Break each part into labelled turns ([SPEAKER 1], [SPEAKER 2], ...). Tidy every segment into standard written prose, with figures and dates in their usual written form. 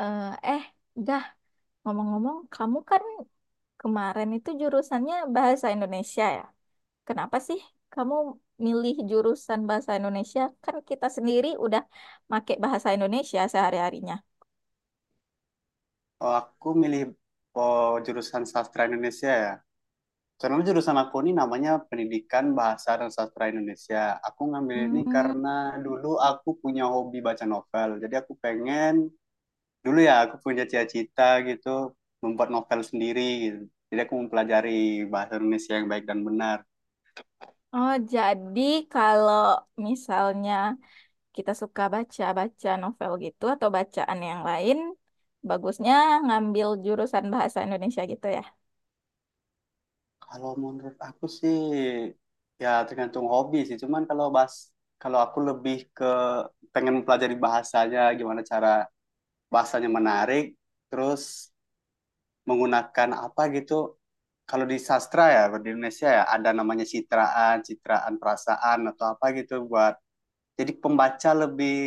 [SPEAKER 1] Eh, eh, Dah, ngomong-ngomong, kamu kan kemarin itu jurusannya bahasa Indonesia ya? Kenapa sih kamu milih jurusan bahasa Indonesia? Kan kita sendiri udah make bahasa Indonesia sehari-harinya.
[SPEAKER 2] Oh, aku milih oh, jurusan sastra Indonesia ya. Karena jurusan aku ini namanya Pendidikan Bahasa dan Sastra Indonesia. Aku ngambil ini
[SPEAKER 1] Hmm.
[SPEAKER 2] karena dulu aku punya hobi baca novel. Jadi aku pengen dulu ya aku punya cita-cita gitu membuat novel sendiri gitu. Jadi aku mempelajari bahasa Indonesia yang baik dan benar.
[SPEAKER 1] Oh, jadi kalau misalnya kita suka baca-baca novel gitu atau bacaan yang lain, bagusnya ngambil jurusan bahasa Indonesia gitu ya?
[SPEAKER 2] Kalau menurut aku sih, ya tergantung hobi sih. Cuman kalau kalau aku lebih ke pengen mempelajari bahasanya, gimana cara bahasanya menarik, terus menggunakan apa gitu. Kalau di sastra ya, di Indonesia ya, ada namanya citraan, citraan perasaan atau apa gitu, buat jadi pembaca lebih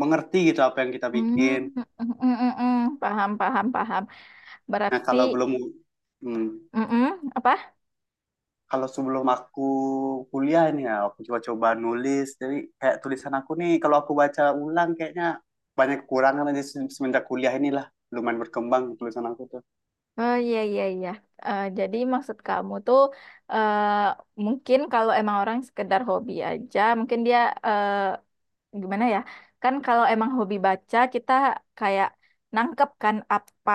[SPEAKER 2] mengerti gitu apa yang kita
[SPEAKER 1] Hmm,
[SPEAKER 2] bikin.
[SPEAKER 1] mm, mm, mm, mm. Paham, paham, paham.
[SPEAKER 2] Nah,
[SPEAKER 1] Berarti.
[SPEAKER 2] kalau belum hmm,
[SPEAKER 1] Mm-mm, apa?
[SPEAKER 2] kalau sebelum aku kuliah ini ya, aku coba-coba nulis. Jadi kayak tulisan aku nih kalau aku baca ulang kayaknya banyak kekurangan aja, semenjak kuliah inilah lumayan berkembang tulisan aku tuh.
[SPEAKER 1] Oh, iya, iya, iya. Jadi maksud kamu tuh, eh mungkin kalau emang orang sekedar hobi aja, mungkin dia, eh gimana ya? Kan kalau emang hobi baca, kita kayak nangkep kan apa,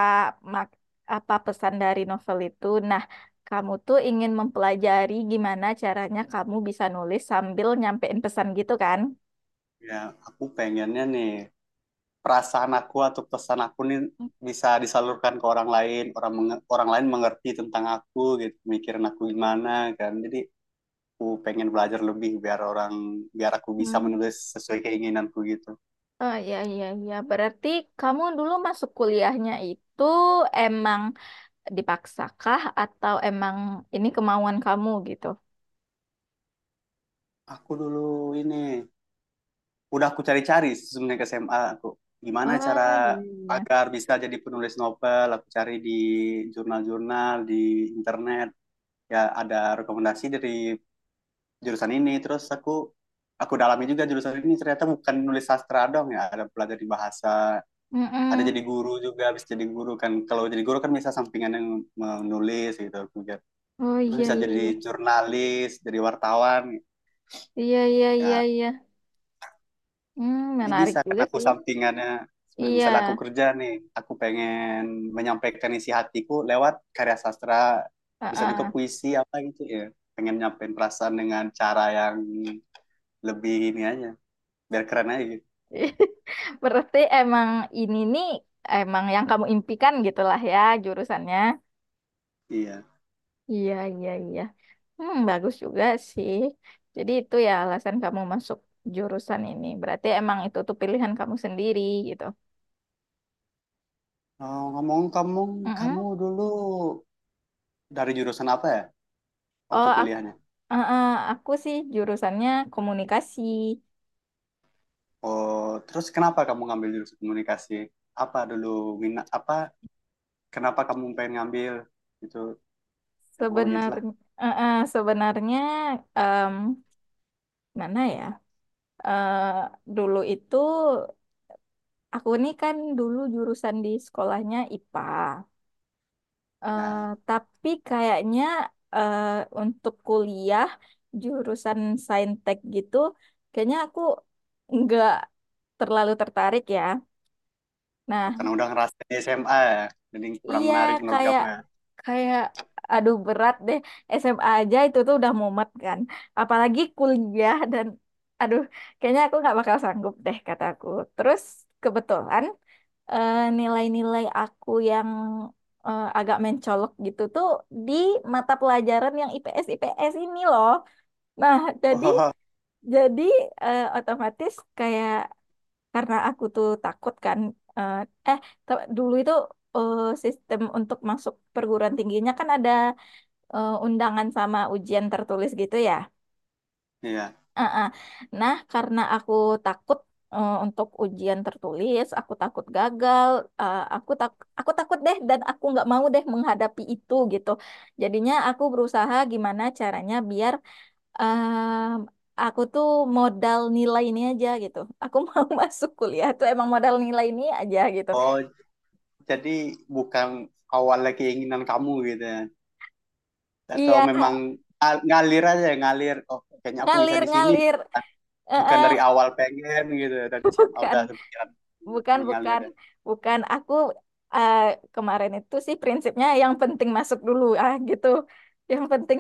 [SPEAKER 1] mak- apa pesan dari novel itu. Nah, kamu tuh ingin mempelajari gimana caranya kamu bisa nulis sambil nyampein pesan gitu kan?
[SPEAKER 2] Ya, aku pengennya nih perasaan aku atau pesan aku nih bisa disalurkan ke orang lain, orang lain mengerti tentang aku gitu, mikirin aku gimana kan, jadi aku pengen belajar lebih biar aku bisa
[SPEAKER 1] Hmm.
[SPEAKER 2] menulis sesuai keinginanku gitu.
[SPEAKER 1] Oh, iya, iya, iya. Berarti kamu dulu masuk kuliahnya itu emang dipaksakah atau emang ini kemauan kamu gitu?
[SPEAKER 2] Aku dulu ini udah aku cari-cari sebenarnya ke SMA aku, gimana cara
[SPEAKER 1] Oh iya, iya.
[SPEAKER 2] agar bisa jadi penulis novel. Aku cari di jurnal-jurnal di internet, ya ada rekomendasi dari jurusan ini, terus aku dalami juga jurusan ini, ternyata bukan nulis sastra dong ya, ada belajar di bahasa, ada
[SPEAKER 1] Mm-mm.
[SPEAKER 2] jadi guru juga, bisa jadi guru kan. Kalau jadi guru kan bisa sampingan yang menulis gitu, kemudian
[SPEAKER 1] Oh,
[SPEAKER 2] terus
[SPEAKER 1] iya,
[SPEAKER 2] bisa
[SPEAKER 1] iya,
[SPEAKER 2] jadi
[SPEAKER 1] iya.
[SPEAKER 2] jurnalis, jadi wartawan
[SPEAKER 1] Iya, iya, iya,
[SPEAKER 2] ya.
[SPEAKER 1] iya. Hmm,
[SPEAKER 2] Jadi
[SPEAKER 1] menarik
[SPEAKER 2] bisa kan,
[SPEAKER 1] juga
[SPEAKER 2] aku
[SPEAKER 1] sih.
[SPEAKER 2] sampingannya
[SPEAKER 1] Iya.
[SPEAKER 2] misalnya aku kerja nih, aku pengen menyampaikan isi hatiku lewat karya sastra, bisa juga
[SPEAKER 1] Heeh.
[SPEAKER 2] puisi apa gitu ya, pengen nyampein perasaan dengan cara yang lebih ini aja, biar keren aja gitu.
[SPEAKER 1] Berarti emang ini nih emang yang kamu impikan gitulah ya jurusannya.
[SPEAKER 2] Iya.
[SPEAKER 1] Iya, iya, iya. Hmm, bagus juga sih. Jadi itu ya alasan kamu masuk jurusan ini. Berarti emang itu tuh pilihan kamu sendiri gitu.
[SPEAKER 2] Oh, ngomong kamu, kamu
[SPEAKER 1] Mm-mm.
[SPEAKER 2] dulu dari jurusan apa ya waktu
[SPEAKER 1] Oh, Eh,
[SPEAKER 2] kuliahnya?
[SPEAKER 1] eh, aku sih jurusannya komunikasi.
[SPEAKER 2] Oh, terus kenapa kamu ngambil jurusan komunikasi? Apa dulu minat apa? Kenapa kamu pengen ngambil itu? Ya pokoknya begitulah.
[SPEAKER 1] Sebenarnya, sebenarnya em, mana ya? Eh, Dulu itu aku nih kan dulu jurusan di sekolahnya IPA. Eh,
[SPEAKER 2] Ya,
[SPEAKER 1] tapi kayaknya, eh, untuk kuliah jurusan saintek gitu, kayaknya aku nggak terlalu tertarik ya. Nah,
[SPEAKER 2] karena udah ngerasain di SMA ya, jadi kurang
[SPEAKER 1] iya,
[SPEAKER 2] menarik menurut
[SPEAKER 1] kayak
[SPEAKER 2] kamu ya.
[SPEAKER 1] kayak aduh berat deh. SMA aja itu tuh udah mumet kan. Apalagi kuliah dan aduh kayaknya aku nggak bakal sanggup deh kataku. Terus kebetulan, nilai-nilai aku yang, agak mencolok gitu tuh di mata pelajaran yang IPS IPS ini loh. Nah, jadi
[SPEAKER 2] Oh,
[SPEAKER 1] jadi otomatis kayak karena aku tuh takut kan, eh eh, dulu itu, sistem untuk masuk perguruan tingginya kan ada, undangan sama ujian tertulis gitu ya.
[SPEAKER 2] iya.
[SPEAKER 1] Ah, ah. Nah, karena aku takut, untuk ujian tertulis aku takut gagal, eh, aku tak aku takut deh dan aku nggak mau deh menghadapi itu gitu, jadinya aku berusaha gimana caranya biar, Em, aku tuh modal nilai ini aja gitu. Aku mau masuk kuliah tuh emang modal nilai ini aja gitu.
[SPEAKER 2] Oh, jadi bukan awalnya keinginan kamu gitu ya? Atau
[SPEAKER 1] Iya,
[SPEAKER 2] memang ngalir aja, ngalir. Oh, kayaknya aku bisa
[SPEAKER 1] ngalir
[SPEAKER 2] di sini.
[SPEAKER 1] ngalir. Eh,
[SPEAKER 2] Bukan
[SPEAKER 1] eh,
[SPEAKER 2] dari awal pengen gitu ya, tadi SMA
[SPEAKER 1] Bukan.
[SPEAKER 2] udah kepikiran,
[SPEAKER 1] Bukan,
[SPEAKER 2] mengalir
[SPEAKER 1] bukan,
[SPEAKER 2] ya.
[SPEAKER 1] bukan. Aku, eh, kemarin itu sih prinsipnya yang penting masuk dulu ah gitu. Yang penting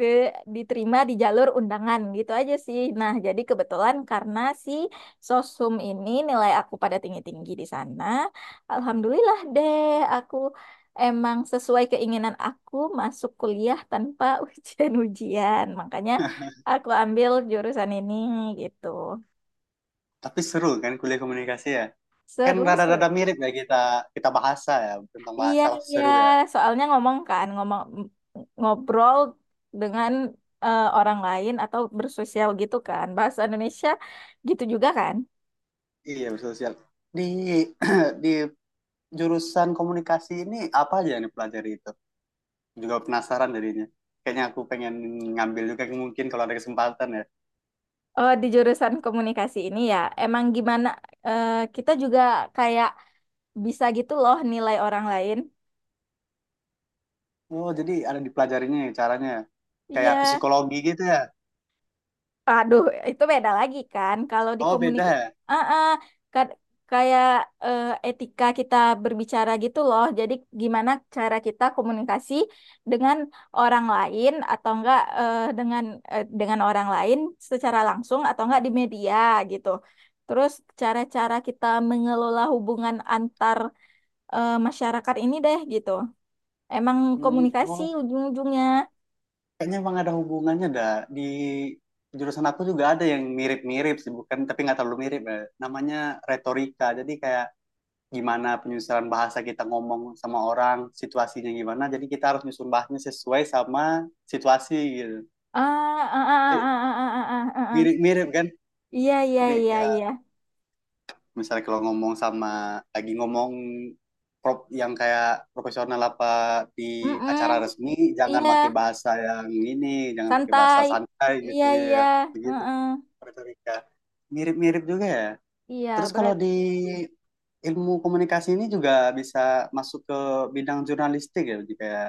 [SPEAKER 1] di- diterima di jalur undangan gitu aja sih. Nah, jadi kebetulan karena si sosum ini nilai aku pada tinggi-tinggi di sana. Alhamdulillah deh, aku emang sesuai keinginan aku masuk kuliah tanpa ujian-ujian. Makanya aku ambil jurusan ini gitu.
[SPEAKER 2] Tapi seru kan kuliah komunikasi ya. Kan
[SPEAKER 1] Seru,
[SPEAKER 2] rada-rada
[SPEAKER 1] seru.
[SPEAKER 2] mirip ya, kita kita bahasa ya, tentang
[SPEAKER 1] Iya,
[SPEAKER 2] bahasa pasti
[SPEAKER 1] iya.
[SPEAKER 2] seru ya.
[SPEAKER 1] Soalnya ngomong kan, ngobrol dengan, orang lain atau bersosial gitu kan. Bahasa Indonesia gitu juga kan.
[SPEAKER 2] Iya bersosial. Di di jurusan komunikasi ini apa aja yang dipelajari itu? Juga penasaran jadinya. Kayaknya aku pengen ngambil juga, mungkin kalau ada kesempatan ya.
[SPEAKER 1] Oh, di jurusan komunikasi ini ya, emang gimana, kita juga kayak bisa gitu loh nilai orang lain.
[SPEAKER 2] Oh jadi ada dipelajarinya ya caranya, ya. Kayak
[SPEAKER 1] Iya.
[SPEAKER 2] psikologi gitu ya.
[SPEAKER 1] Aduh, itu beda lagi kan.
[SPEAKER 2] Oh beda ya.
[SPEAKER 1] Ah, ah, ka- kayak, etika kita berbicara gitu loh. Jadi gimana cara kita komunikasi dengan orang lain atau enggak, dengan orang lain secara langsung atau enggak di media gitu. Terus cara-cara kita mengelola hubungan antar, masyarakat ini deh gitu. Emang
[SPEAKER 2] Hmm,
[SPEAKER 1] komunikasi
[SPEAKER 2] oh,
[SPEAKER 1] ujung-ujungnya.
[SPEAKER 2] kayaknya emang ada hubungannya dah. Di jurusan aku juga ada yang mirip-mirip sih, bukan, tapi nggak terlalu mirip ya. Namanya retorika. Jadi kayak gimana penyusunan bahasa kita ngomong sama orang, situasinya gimana. Jadi kita harus nyusun bahasanya sesuai sama situasi gitu.
[SPEAKER 1] Ah, ah, ah,
[SPEAKER 2] Eh,
[SPEAKER 1] ah, ah, ah, ah, ah, ah.
[SPEAKER 2] Mirip-mirip kan?
[SPEAKER 1] Iya, iya,
[SPEAKER 2] Jadi
[SPEAKER 1] iya,
[SPEAKER 2] ya
[SPEAKER 1] iya.
[SPEAKER 2] misalnya kalau ngomong sama, lagi ngomong yang kayak profesional, apa di acara
[SPEAKER 1] Mm-mm,
[SPEAKER 2] resmi, jangan
[SPEAKER 1] iya,
[SPEAKER 2] pakai bahasa yang ini, jangan pakai bahasa
[SPEAKER 1] santai.
[SPEAKER 2] santai
[SPEAKER 1] Iya,
[SPEAKER 2] gitu
[SPEAKER 1] iya.
[SPEAKER 2] ya. Begitu.
[SPEAKER 1] Mm-mm.
[SPEAKER 2] Puerto Rica. Mirip-mirip juga ya.
[SPEAKER 1] Iya,
[SPEAKER 2] Terus kalau di
[SPEAKER 1] berat.
[SPEAKER 2] ilmu komunikasi ini juga bisa masuk ke bidang jurnalistik ya, jadi kayak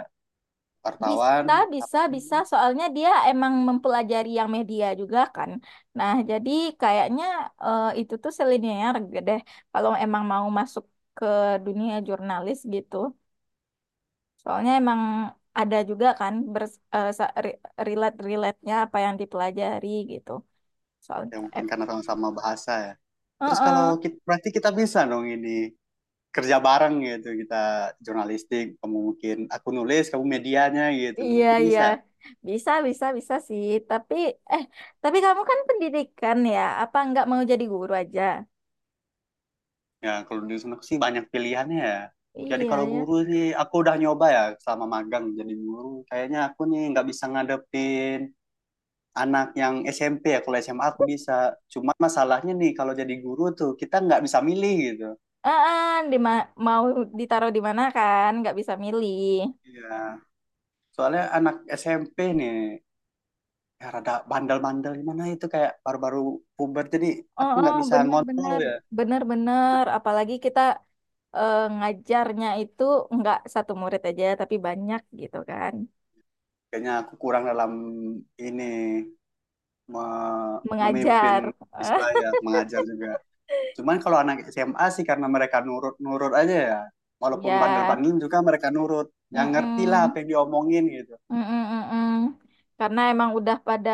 [SPEAKER 2] wartawan,
[SPEAKER 1] Bisa,
[SPEAKER 2] apa
[SPEAKER 1] bisa, bisa.
[SPEAKER 2] ya.
[SPEAKER 1] Soalnya dia emang mempelajari yang media juga kan. Nah, jadi kayaknya, itu tuh selinier deh. Kalau emang mau masuk ke dunia jurnalis gitu. Soalnya emang ada juga kan, relate-relate-nya apa yang dipelajari gitu.
[SPEAKER 2] Ya,
[SPEAKER 1] Soalnya,
[SPEAKER 2] mungkin karena sama-sama bahasa ya. Terus kalau
[SPEAKER 1] mm-mm.
[SPEAKER 2] kita, berarti kita bisa dong ini kerja bareng gitu, kita jurnalistik, kamu mungkin, aku nulis, kamu medianya gitu,
[SPEAKER 1] Iya,
[SPEAKER 2] mungkin
[SPEAKER 1] iya.
[SPEAKER 2] bisa.
[SPEAKER 1] Bisa, bisa, bisa sih. Tapi, eh, tapi, kamu kan pendidikan ya. Apa nggak mau jadi guru aja?
[SPEAKER 2] Ya kalau di sana sih banyak pilihannya ya. Jadi
[SPEAKER 1] Iya,
[SPEAKER 2] kalau
[SPEAKER 1] ya.
[SPEAKER 2] guru sih, aku udah nyoba ya selama magang jadi guru. Kayaknya aku nih nggak bisa ngadepin anak yang SMP ya, kalau SMA aku bisa, cuma masalahnya nih kalau jadi guru tuh kita nggak bisa milih gitu.
[SPEAKER 1] Ah, ah, mau ditaruh di mana kan? Nggak bisa milih.
[SPEAKER 2] Iya. Soalnya anak SMP nih ya rada bandel-bandel, gimana itu, kayak baru-baru puber, jadi
[SPEAKER 1] Oh,
[SPEAKER 2] aku
[SPEAKER 1] oh,
[SPEAKER 2] nggak bisa ngontrol
[SPEAKER 1] benar-benar,
[SPEAKER 2] ya.
[SPEAKER 1] benar-benar. Apalagi kita, ngajarnya itu nggak satu murid aja, tapi banyak gitu kan.
[SPEAKER 2] Kayaknya aku kurang dalam ini, memimpin
[SPEAKER 1] Mengajar.
[SPEAKER 2] siswa ya, mengajar juga. Cuman kalau anak SMA sih, karena mereka nurut-nurut aja ya,
[SPEAKER 1] Iya.
[SPEAKER 2] walaupun bandel-bandel juga mereka nurut, yang ngerti lah
[SPEAKER 1] Mm.
[SPEAKER 2] apa yang diomongin gitu.
[SPEAKER 1] Mm-mm-mm. Karena emang udah pada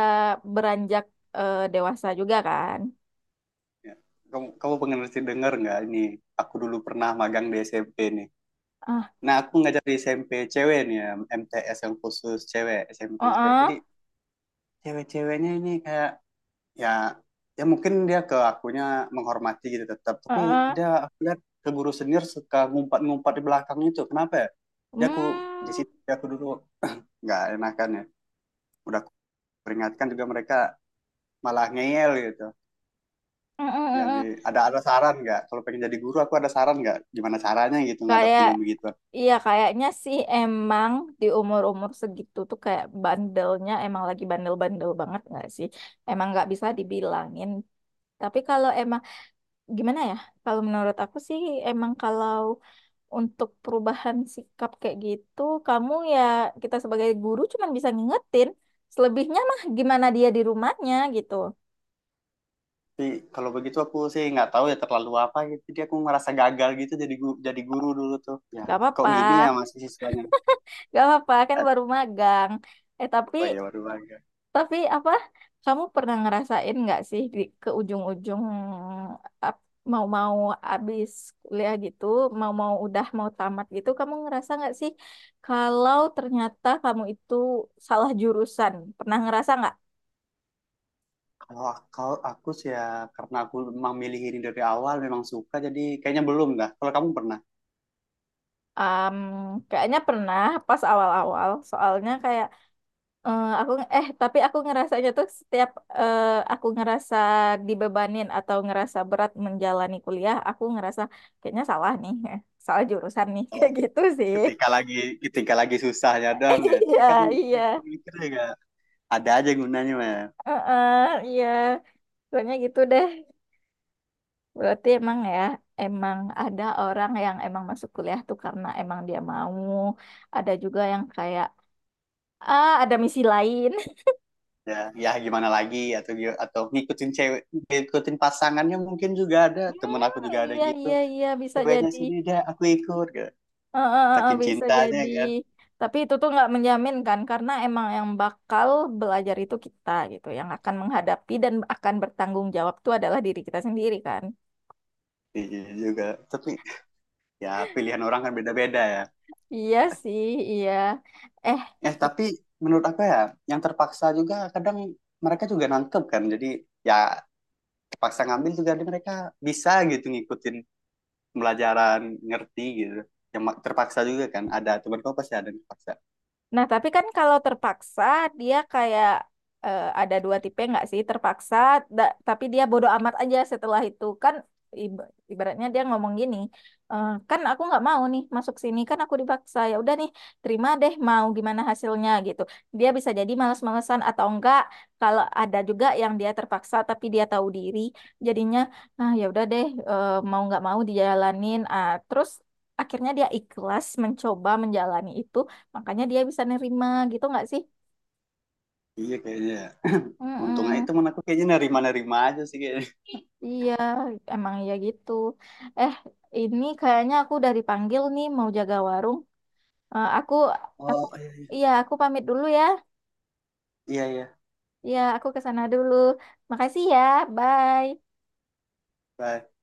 [SPEAKER 1] beranjak, dewasa juga kan.
[SPEAKER 2] Ya, kamu kamu pengen mesti denger nggak, ini aku dulu pernah magang di SMP nih.
[SPEAKER 1] Ah,
[SPEAKER 2] Nah aku ngajar di SMP cewek nih ya, MTS yang khusus cewek, SMP khusus cewek,
[SPEAKER 1] uh
[SPEAKER 2] jadi cewek-ceweknya ini kayak ya ya mungkin dia ke akunya menghormati gitu tetap, tapi dia, aku lihat ke guru senior suka ngumpat-ngumpat di belakang. Itu kenapa ya, dia aku di situ, dia aku dulu nggak enakan ya, udah aku peringatkan juga mereka malah ngeyel gitu. Ya, ada saran nggak? Kalau pengen jadi guru, aku ada saran nggak? Gimana caranya gitu
[SPEAKER 1] Kayak,
[SPEAKER 2] ngadepin yang begitu?
[SPEAKER 1] iya kayaknya sih emang di umur-umur segitu tuh kayak bandelnya emang lagi bandel-bandel banget nggak sih? Emang nggak bisa dibilangin. Tapi kalau emang gimana ya? Kalau menurut aku sih emang kalau untuk perubahan sikap kayak gitu, kamu ya kita sebagai guru cuman bisa ngingetin, selebihnya mah gimana dia di rumahnya gitu.
[SPEAKER 2] Tapi kalau begitu aku sih nggak tahu ya terlalu apa gitu. Jadi aku merasa gagal gitu jadi guru dulu tuh. Ya,
[SPEAKER 1] Gak
[SPEAKER 2] kok
[SPEAKER 1] apa-apa,
[SPEAKER 2] gini ya masih siswanya?
[SPEAKER 1] gak apa-apa kan baru magang. Eh tapi
[SPEAKER 2] Oh ya baru bangga.
[SPEAKER 1] tapi apa? Kamu pernah ngerasain nggak sih ke ujung-ujung, ap- mau-mau abis kuliah gitu, mau-mau udah mau tamat gitu, kamu ngerasa nggak sih kalau ternyata kamu itu salah jurusan? Pernah ngerasa nggak?
[SPEAKER 2] Kalau kalau aku sih ya, karena aku memang milih ini dari awal memang suka, jadi kayaknya belum dah. Kalau kamu pernah?
[SPEAKER 1] Am, Kayaknya pernah pas awal-awal, soalnya kayak, eh, aku eh tapi aku ngerasanya tuh setiap, eh, aku ngerasa dibebanin atau ngerasa berat menjalani kuliah, aku ngerasa kayaknya salah nih, salah jurusan nih
[SPEAKER 2] Oh,
[SPEAKER 1] kayak gitu sih.
[SPEAKER 2] ketika lagi ketika lagi susahnya dong ya. Tapi kan
[SPEAKER 1] Iya, iya.
[SPEAKER 2] mikir-mikir ya, ada aja gunanya ya.
[SPEAKER 1] Heeh, iya, soalnya gitu deh. Berarti emang ya, emang ada orang yang emang masuk kuliah tuh karena emang dia mau, ada juga yang kayak ah ada misi lain.
[SPEAKER 2] Ya, ya gimana lagi, atau atau ngikutin cewek, ngikutin pasangannya, mungkin juga ada, temen aku juga ada
[SPEAKER 1] Iya,
[SPEAKER 2] gitu.
[SPEAKER 1] iya, iya, bisa
[SPEAKER 2] Ceweknya
[SPEAKER 1] jadi.
[SPEAKER 2] sini, udah aku ikut gitu. Saking
[SPEAKER 1] Bisa
[SPEAKER 2] cintanya
[SPEAKER 1] jadi.
[SPEAKER 2] kan.
[SPEAKER 1] Tapi itu tuh nggak menjamin kan, karena emang yang bakal belajar itu kita gitu, yang akan menghadapi dan akan bertanggung jawab tuh adalah diri kita sendiri kan.
[SPEAKER 2] Iya juga. Tapi ya pilihan orang kan beda-beda ya.
[SPEAKER 1] Iya sih, iya. Eh,
[SPEAKER 2] Tapi menurut aku ya, yang terpaksa juga kadang mereka juga nangkep kan, jadi ya terpaksa ngambil juga, jadi mereka bisa gitu ngikutin pelajaran, ngerti gitu, yang terpaksa juga kan, ada temen kau pasti ada yang terpaksa.
[SPEAKER 1] Nah, tapi kan kalau terpaksa dia kayak, ada dua tipe nggak sih? Terpaksa, tapi dia bodoh amat aja setelah itu kan, ibaratnya dia ngomong gini, Kan aku nggak mau nih masuk sini kan aku dipaksa ya udah nih terima deh mau gimana hasilnya gitu." Dia bisa jadi malas-malesan atau enggak. Kalau ada juga yang dia terpaksa tapi dia tahu diri, jadinya ah ya udah deh, mau nggak mau dijalanin. Ah, terus akhirnya dia ikhlas mencoba menjalani itu. Makanya dia bisa nerima gitu nggak sih?
[SPEAKER 2] Iya kayaknya. Untungnya itu
[SPEAKER 1] Mm-mm.
[SPEAKER 2] teman aku kayaknya nerima-nerima aja sih kayaknya.
[SPEAKER 1] Iya, emang ya gitu. Eh, ini kayaknya aku udah dipanggil nih mau jaga warung. Eh, aku, aku,
[SPEAKER 2] Oh iya iya.
[SPEAKER 1] iya, aku pamit dulu ya.
[SPEAKER 2] Iya iya.
[SPEAKER 1] Iya, aku ke sana dulu. Makasih ya, bye.
[SPEAKER 2] Bye.